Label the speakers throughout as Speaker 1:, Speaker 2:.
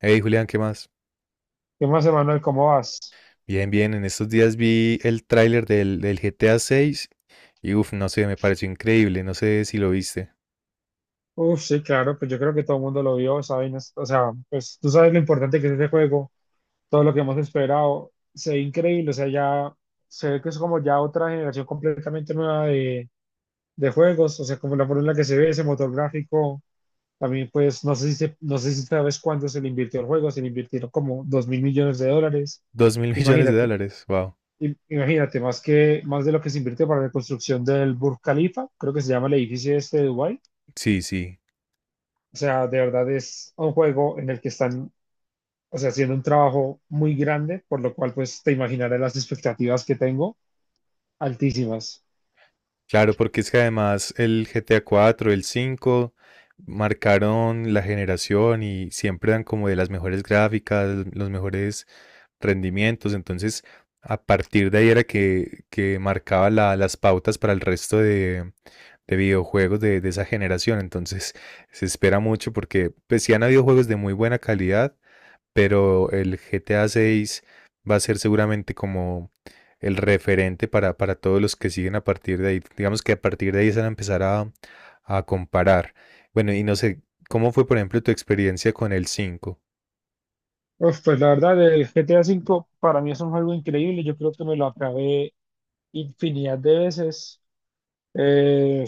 Speaker 1: Hey Julián, ¿qué más?
Speaker 2: ¿Qué más, Emanuel? ¿Cómo vas?
Speaker 1: Bien, bien, en estos días vi el tráiler del GTA 6 y uff, no sé, me pareció increíble, no sé si lo viste.
Speaker 2: Uf, sí, claro, pues yo creo que todo el mundo lo vio, ¿sabes? O sea, pues tú sabes lo importante que es este juego, todo lo que hemos esperado, se ve increíble, o sea, ya se ve que es como ya otra generación completamente nueva de juegos, o sea, como la forma en la que se ve ese motor gráfico, también pues no sé si sabes cuánto se le invirtió al juego, se le invirtieron como $2.000 millones.
Speaker 1: Dos mil millones de
Speaker 2: Imagínate,
Speaker 1: dólares, wow.
Speaker 2: imagínate, más de lo que se invirtió para la construcción del Burj Khalifa, creo que se llama el edificio este de Dubái.
Speaker 1: Sí, sí.
Speaker 2: O sea, de verdad es un juego en el que están, o sea, haciendo un trabajo muy grande, por lo cual, pues, te imaginarás las expectativas que tengo, altísimas.
Speaker 1: Claro, porque es que además el GTA 4, el 5 marcaron la generación y siempre dan como de las mejores gráficas, los mejores rendimientos. Entonces, a partir de ahí era que marcaba las pautas para el resto de videojuegos de esa generación. Entonces, se espera mucho porque pues, sí han habido juegos de muy buena calidad, pero el GTA 6 va a ser seguramente como el referente para todos los que siguen a partir de ahí. Digamos que a partir de ahí se van a empezar a comparar. Bueno, y no sé, ¿cómo fue, por ejemplo, tu experiencia con el cinco?
Speaker 2: Uf, pues, la verdad, el GTA V para mí es un juego increíble. Yo creo que me lo acabé infinidad de veces. Eh,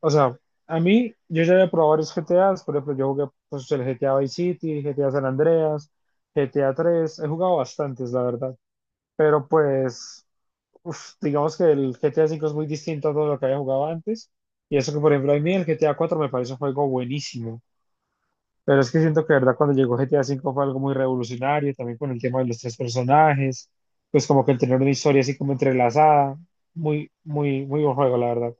Speaker 2: o sea, a mí, yo ya había probado varios GTAs. Por ejemplo, yo jugué, pues, el GTA Vice City, GTA San Andreas, GTA 3. He jugado bastantes, la verdad. Pero, pues, uf, digamos que el GTA V es muy distinto a todo lo que había jugado antes. Y eso que, por ejemplo, a mí el GTA 4 me parece un juego buenísimo. Pero es que siento que, de verdad, cuando llegó GTA V fue algo muy revolucionario, también con el tema de los tres personajes, pues como que el tener una historia así como entrelazada. Muy, muy, muy buen juego, la verdad.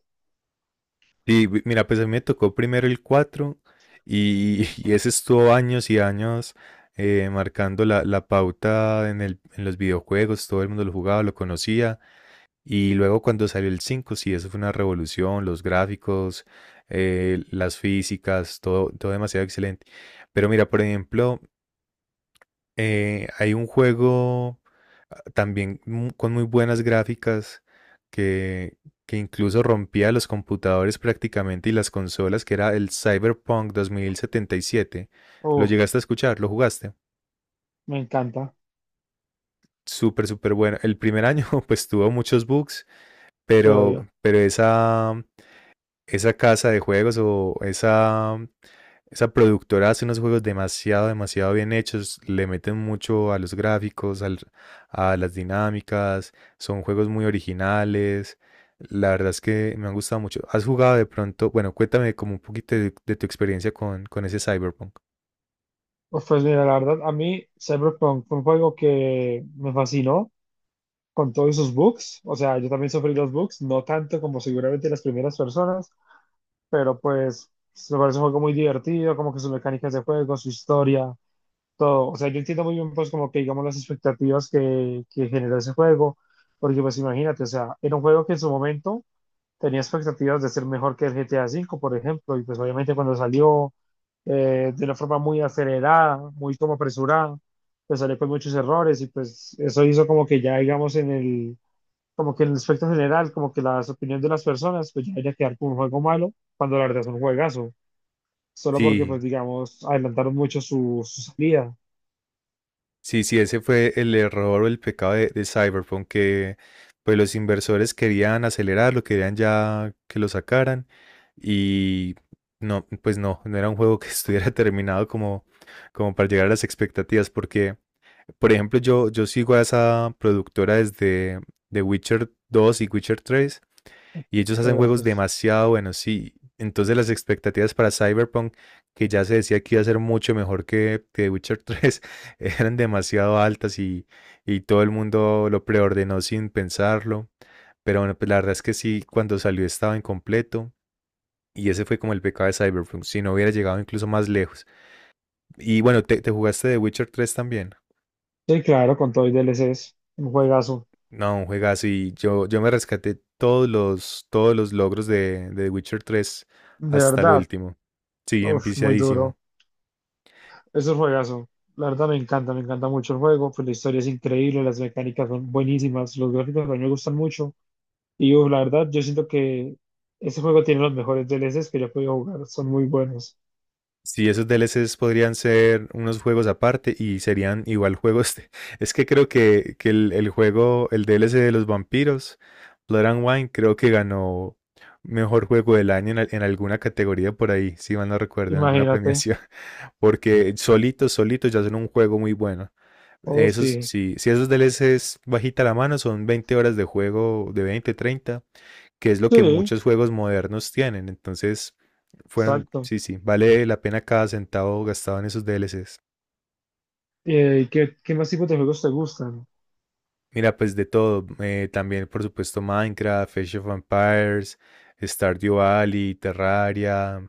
Speaker 1: Sí, mira, pues a mí me tocó primero el 4 y, y ese estuvo años y años, marcando la pauta en en los videojuegos, todo el mundo lo jugaba, lo conocía. Y luego cuando salió el 5 sí, eso fue una revolución, los gráficos, las físicas, todo, todo demasiado excelente. Pero mira, por ejemplo, hay un juego, también con muy buenas gráficas que, que incluso rompía los computadores prácticamente y las consolas, que era el Cyberpunk 2077. ¿Lo
Speaker 2: Uf,
Speaker 1: llegaste a escuchar? ¿Lo jugaste?
Speaker 2: me encanta,
Speaker 1: Súper, súper bueno. El primer año pues tuvo muchos bugs,
Speaker 2: sí,
Speaker 1: pero,
Speaker 2: obvio.
Speaker 1: pero esa casa de juegos o esa productora hace unos juegos demasiado, demasiado bien hechos, le meten mucho a los gráficos, a las dinámicas, son juegos muy originales. La verdad es que me han gustado mucho. ¿Has jugado de pronto? Bueno, cuéntame como un poquito de tu experiencia con ese Cyberpunk.
Speaker 2: Uf, pues mira, la verdad, a mí Cyberpunk fue un juego que me fascinó con todos sus bugs. O sea, yo también sufrí los bugs, no tanto como seguramente las primeras personas, pero pues me parece un juego muy divertido, como que sus mecánicas de juego, su historia, todo. O sea, yo entiendo muy bien, pues, como que digamos las expectativas que generó ese juego, porque pues imagínate, o sea, era un juego que en su momento tenía expectativas de ser mejor que el GTA V, por ejemplo, y pues obviamente cuando salió de una forma muy acelerada, muy como apresurada, pues salió con muchos errores y pues eso hizo como que ya, digamos, en el como que en el aspecto general, como que las opiniones de las personas, pues ya debería quedar como un juego malo, cuando la verdad es un juegazo, solo porque, pues
Speaker 1: Sí,
Speaker 2: digamos, adelantaron mucho su salida,
Speaker 1: sí, sí, ese fue el error o el pecado de Cyberpunk, que pues los inversores querían acelerarlo, querían ya que lo sacaran y no, pues no, no era un juego que estuviera terminado como para llegar a las expectativas, porque, por ejemplo, yo sigo a esa productora desde The Witcher dos y Witcher tres. Y ellos hacen juegos
Speaker 2: juegazos.
Speaker 1: demasiado buenos, sí. Entonces las expectativas para Cyberpunk, que ya se decía que iba a ser mucho mejor que The Witcher tres, eran demasiado altas y todo el mundo lo preordenó sin pensarlo. Pero bueno, pues la verdad es que sí, cuando salió estaba incompleto. Y ese fue como el pecado de Cyberpunk, si no hubiera llegado incluso más lejos. Y bueno, te jugaste The Witcher tres también.
Speaker 2: Sí, claro, con todo y DLCs, un juegazo,
Speaker 1: No, un juegazo y yo me rescaté todos todos los logros de The Witcher tres
Speaker 2: de
Speaker 1: hasta el
Speaker 2: verdad,
Speaker 1: último. Sí,
Speaker 2: uf, muy
Speaker 1: empiciadísimo.
Speaker 2: duro, es un juegazo, la verdad me encanta mucho el juego, pues la historia es increíble, las mecánicas son buenísimas, los gráficos también me gustan mucho, y uf, la verdad yo siento que ese juego tiene los mejores DLCs que yo he podido jugar, son muy buenos,
Speaker 1: Sí, esos DLCs podrían ser unos juegos aparte y serían igual juegos. Es que creo que el juego, el DLC de los vampiros, Blood and Wine, creo que ganó mejor juego del año en alguna categoría por ahí, si mal no recuerdo, en alguna
Speaker 2: imagínate,
Speaker 1: premiación. Porque solitos, solitos ya son un juego muy bueno.
Speaker 2: oh
Speaker 1: Esos,
Speaker 2: sí.
Speaker 1: sí, si esos DLCs bajita la mano, son 20 horas de juego, de 20 30 que es lo que
Speaker 2: Sí,
Speaker 1: muchos juegos modernos tienen. Entonces, fueron,
Speaker 2: exacto.
Speaker 1: sí, sí, vale la pena cada centavo gastado en esos DLCs.
Speaker 2: ¿Qué más tipos de juegos te gustan?
Speaker 1: Mira, pues de todo, también por supuesto Minecraft, Age of Empires, Stardew Valley, Terraria,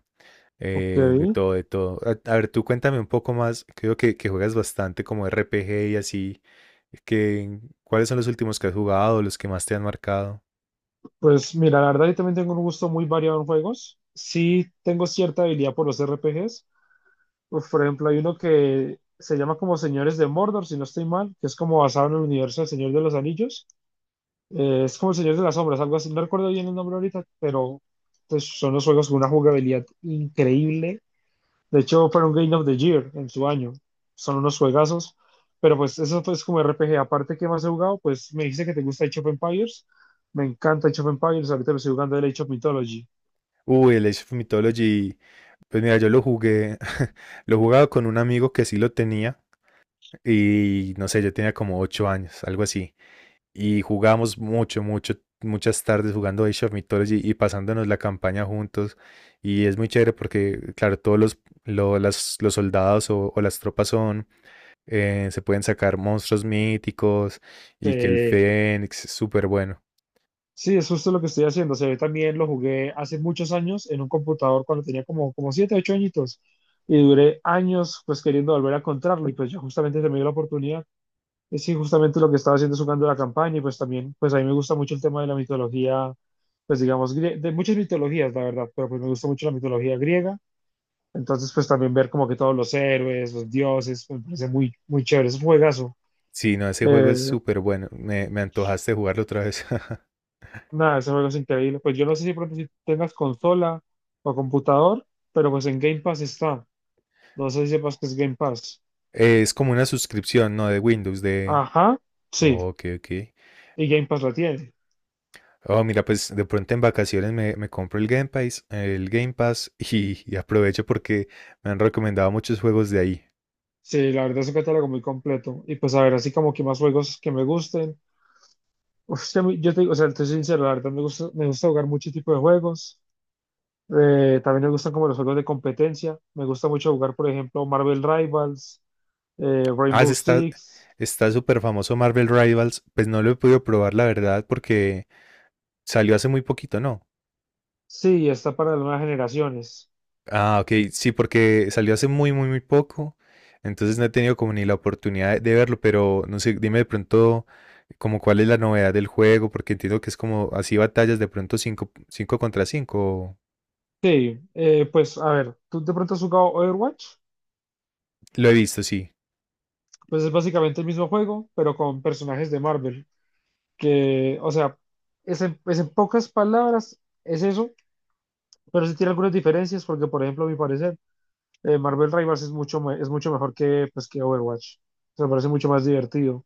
Speaker 2: Ok,
Speaker 1: de todo, de todo. A ver, tú cuéntame un poco más, creo que juegas bastante como RPG y así, que, ¿cuáles son los últimos que has jugado, los que más te han marcado?
Speaker 2: pues mira, la verdad yo también tengo un gusto muy variado en juegos. Sí tengo cierta habilidad por los RPGs. Uf, por ejemplo, hay uno que se llama como Señores de Mordor, si no estoy mal, que es como basado en el universo del Señor de los Anillos. Es como el Señor de las Sombras, algo así. No recuerdo bien el nombre ahorita, pero pues, son los juegos con una jugabilidad increíble. De hecho, fueron Game of the Year en su año. Son unos juegazos. Pero pues eso es como RPG. Aparte, ¿qué más he jugado? Pues me dice que te gusta Age of Empires. Me encanta Age of Empires. Ahorita lo estoy jugando el Age of Mythology.
Speaker 1: Uy, el Age of Mythology. Pues mira, yo lo jugué, lo jugaba con un amigo que sí lo tenía y no sé, yo tenía como 8 años, algo así. Y jugábamos mucho, mucho, muchas tardes jugando Age of Mythology y pasándonos la campaña juntos. Y es muy chévere porque, claro, todos los soldados o las tropas son, se pueden sacar monstruos míticos y que el
Speaker 2: Eh,
Speaker 1: Fénix es súper bueno.
Speaker 2: sí, es justo lo que estoy haciendo. O sea, también lo jugué hace muchos años en un computador cuando tenía como 7 8 añitos. Y duré años pues queriendo volver a encontrarlo. Y pues yo justamente se me dio la oportunidad. Y sí, justamente lo que estaba haciendo es jugando la campaña y pues también, pues a mí me gusta mucho el tema de la mitología, pues digamos, de muchas mitologías, la verdad, pero pues me gusta mucho la mitología griega. Entonces, pues también ver como que todos los héroes, los dioses, pues, me parece muy, muy chévere, es un juegazo.
Speaker 1: Sí, no, ese juego es
Speaker 2: Eh,
Speaker 1: súper bueno. Me antojaste jugarlo otra vez.
Speaker 2: Nada, ese juego es increíble. Pues yo no sé si pronto si tengas consola o computador, pero pues en Game Pass está. No sé si sepas que es Game Pass.
Speaker 1: Es como una suscripción, ¿no? De Windows, de.
Speaker 2: Ajá, sí,
Speaker 1: Ok, ok.
Speaker 2: y Game Pass la tiene.
Speaker 1: Oh, mira, pues de pronto en vacaciones me compro el Game Pass, y aprovecho porque me han recomendado muchos juegos de ahí.
Speaker 2: Sí, la verdad es un catálogo muy completo. Y pues a ver, así como que más juegos que me gusten. Usted, yo te digo, o sea, te sincero, la verdad me gusta jugar muchos tipos de juegos. También me gustan como los juegos de competencia. Me gusta mucho jugar, por ejemplo, Marvel Rivals,
Speaker 1: Ah,
Speaker 2: Rainbow
Speaker 1: ese está,
Speaker 2: Six.
Speaker 1: está súper famoso Marvel Rivals. Pues no lo he podido probar, la verdad, porque salió hace muy poquito, ¿no?
Speaker 2: Sí, está para las nuevas generaciones.
Speaker 1: Ah, ok, sí, porque salió hace muy, muy, muy poco. Entonces no he tenido como ni la oportunidad de verlo, pero no sé, dime de pronto como cuál es la novedad del juego, porque entiendo que es como así batallas de pronto cinco contra 5.
Speaker 2: Sí, pues a ver, ¿tú de pronto has jugado Overwatch?
Speaker 1: Lo he visto, sí.
Speaker 2: Pues es básicamente el mismo juego, pero con personajes de Marvel. Que, o sea, pues en pocas palabras, es eso, pero sí tiene algunas diferencias, porque, por ejemplo, a mi parecer, Marvel Rivals es es mucho mejor que, pues, que Overwatch. Se me parece mucho más divertido.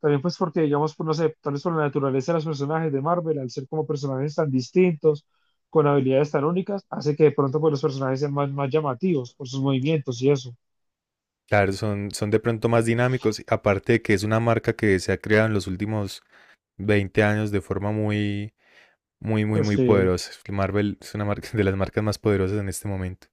Speaker 2: También pues porque, digamos, pues, no sé, tal vez por la naturaleza de los personajes de Marvel, al ser como personajes tan distintos, con habilidades tan únicas, hace que de pronto pues, los personajes sean más llamativos por sus movimientos y eso.
Speaker 1: Claro, son de pronto más dinámicos, aparte de que es una marca que se ha creado en los últimos 20 años de forma muy, muy, muy,
Speaker 2: Pues
Speaker 1: muy
Speaker 2: sí,
Speaker 1: poderosa. Marvel es una marca de las marcas más poderosas en este momento.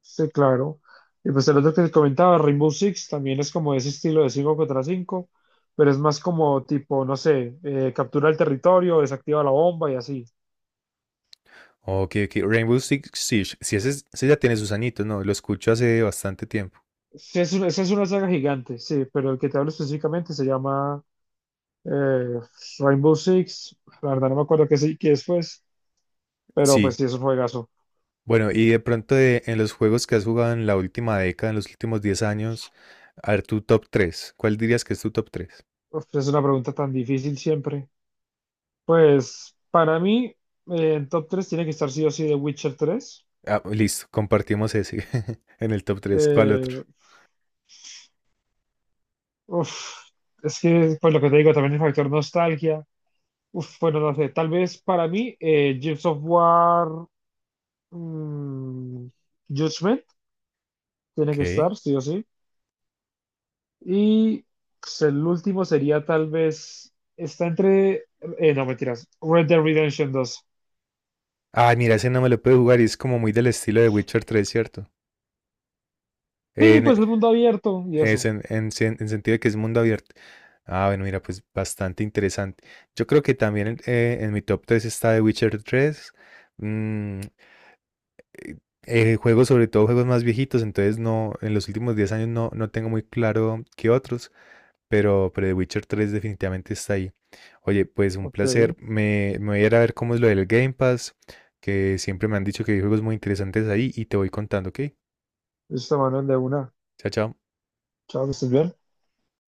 Speaker 2: sí, claro. Y pues el otro que te comentaba, Rainbow Six, también es como ese estilo de 5 contra cinco, pero es más como tipo, no sé, captura el territorio, desactiva la bomba y así.
Speaker 1: Ok, ok. Rainbow Six Siege. Sí, ese, ese ya tiene sus añitos, ¿no? Lo escucho hace bastante tiempo.
Speaker 2: Sí, esa es una saga gigante, sí, pero el que te hablo específicamente se llama eh, Rainbow Six. La verdad no me acuerdo qué es, pues, pero pues
Speaker 1: Sí.
Speaker 2: sí, es un juegazo.
Speaker 1: Bueno, y de pronto en los juegos que has jugado en la última década, en los últimos 10 años, a ver, tu top tres. ¿Cuál dirías que es tu top tres?
Speaker 2: Uf, es una pregunta tan difícil siempre. Pues para mí, en top tres tiene que estar sí o sí The Witcher 3.
Speaker 1: Ah, listo, compartimos ese en el top tres. ¿Cuál otro?
Speaker 2: Eh, Uf, es que, pues lo que te digo, también el factor nostalgia. Uf, bueno, no sé, tal vez para mí, Gears of War, mm, Judgment tiene que
Speaker 1: Ok.
Speaker 2: estar, sí o sí. Y pues, el último sería tal vez, está entre, no mentiras, Red Dead Redemption 2.
Speaker 1: Ah, mira, ese no me lo puedo jugar y es como muy del estilo de Witcher tres, ¿cierto?
Speaker 2: Sí,
Speaker 1: En,
Speaker 2: pues
Speaker 1: e-
Speaker 2: el mundo abierto y
Speaker 1: es
Speaker 2: eso.
Speaker 1: en sen- en sentido de que es mundo abierto. Ah, bueno, mira, pues bastante interesante. Yo creo que también en mi top 3 está The Witcher tres. Mm, juegos, sobre todo juegos más viejitos, entonces no, en los últimos 10 años no, no tengo muy claro qué otros. Pero The Witcher tres definitivamente está ahí. Oye, pues un
Speaker 2: Ok,
Speaker 1: placer. Me voy a ir a ver cómo es lo del Game Pass, que siempre me han dicho que hay juegos muy interesantes ahí y te voy contando, ¿ok?
Speaker 2: listo, Manuel, de una.
Speaker 1: Chao, chao.
Speaker 2: Chao, que estés bien.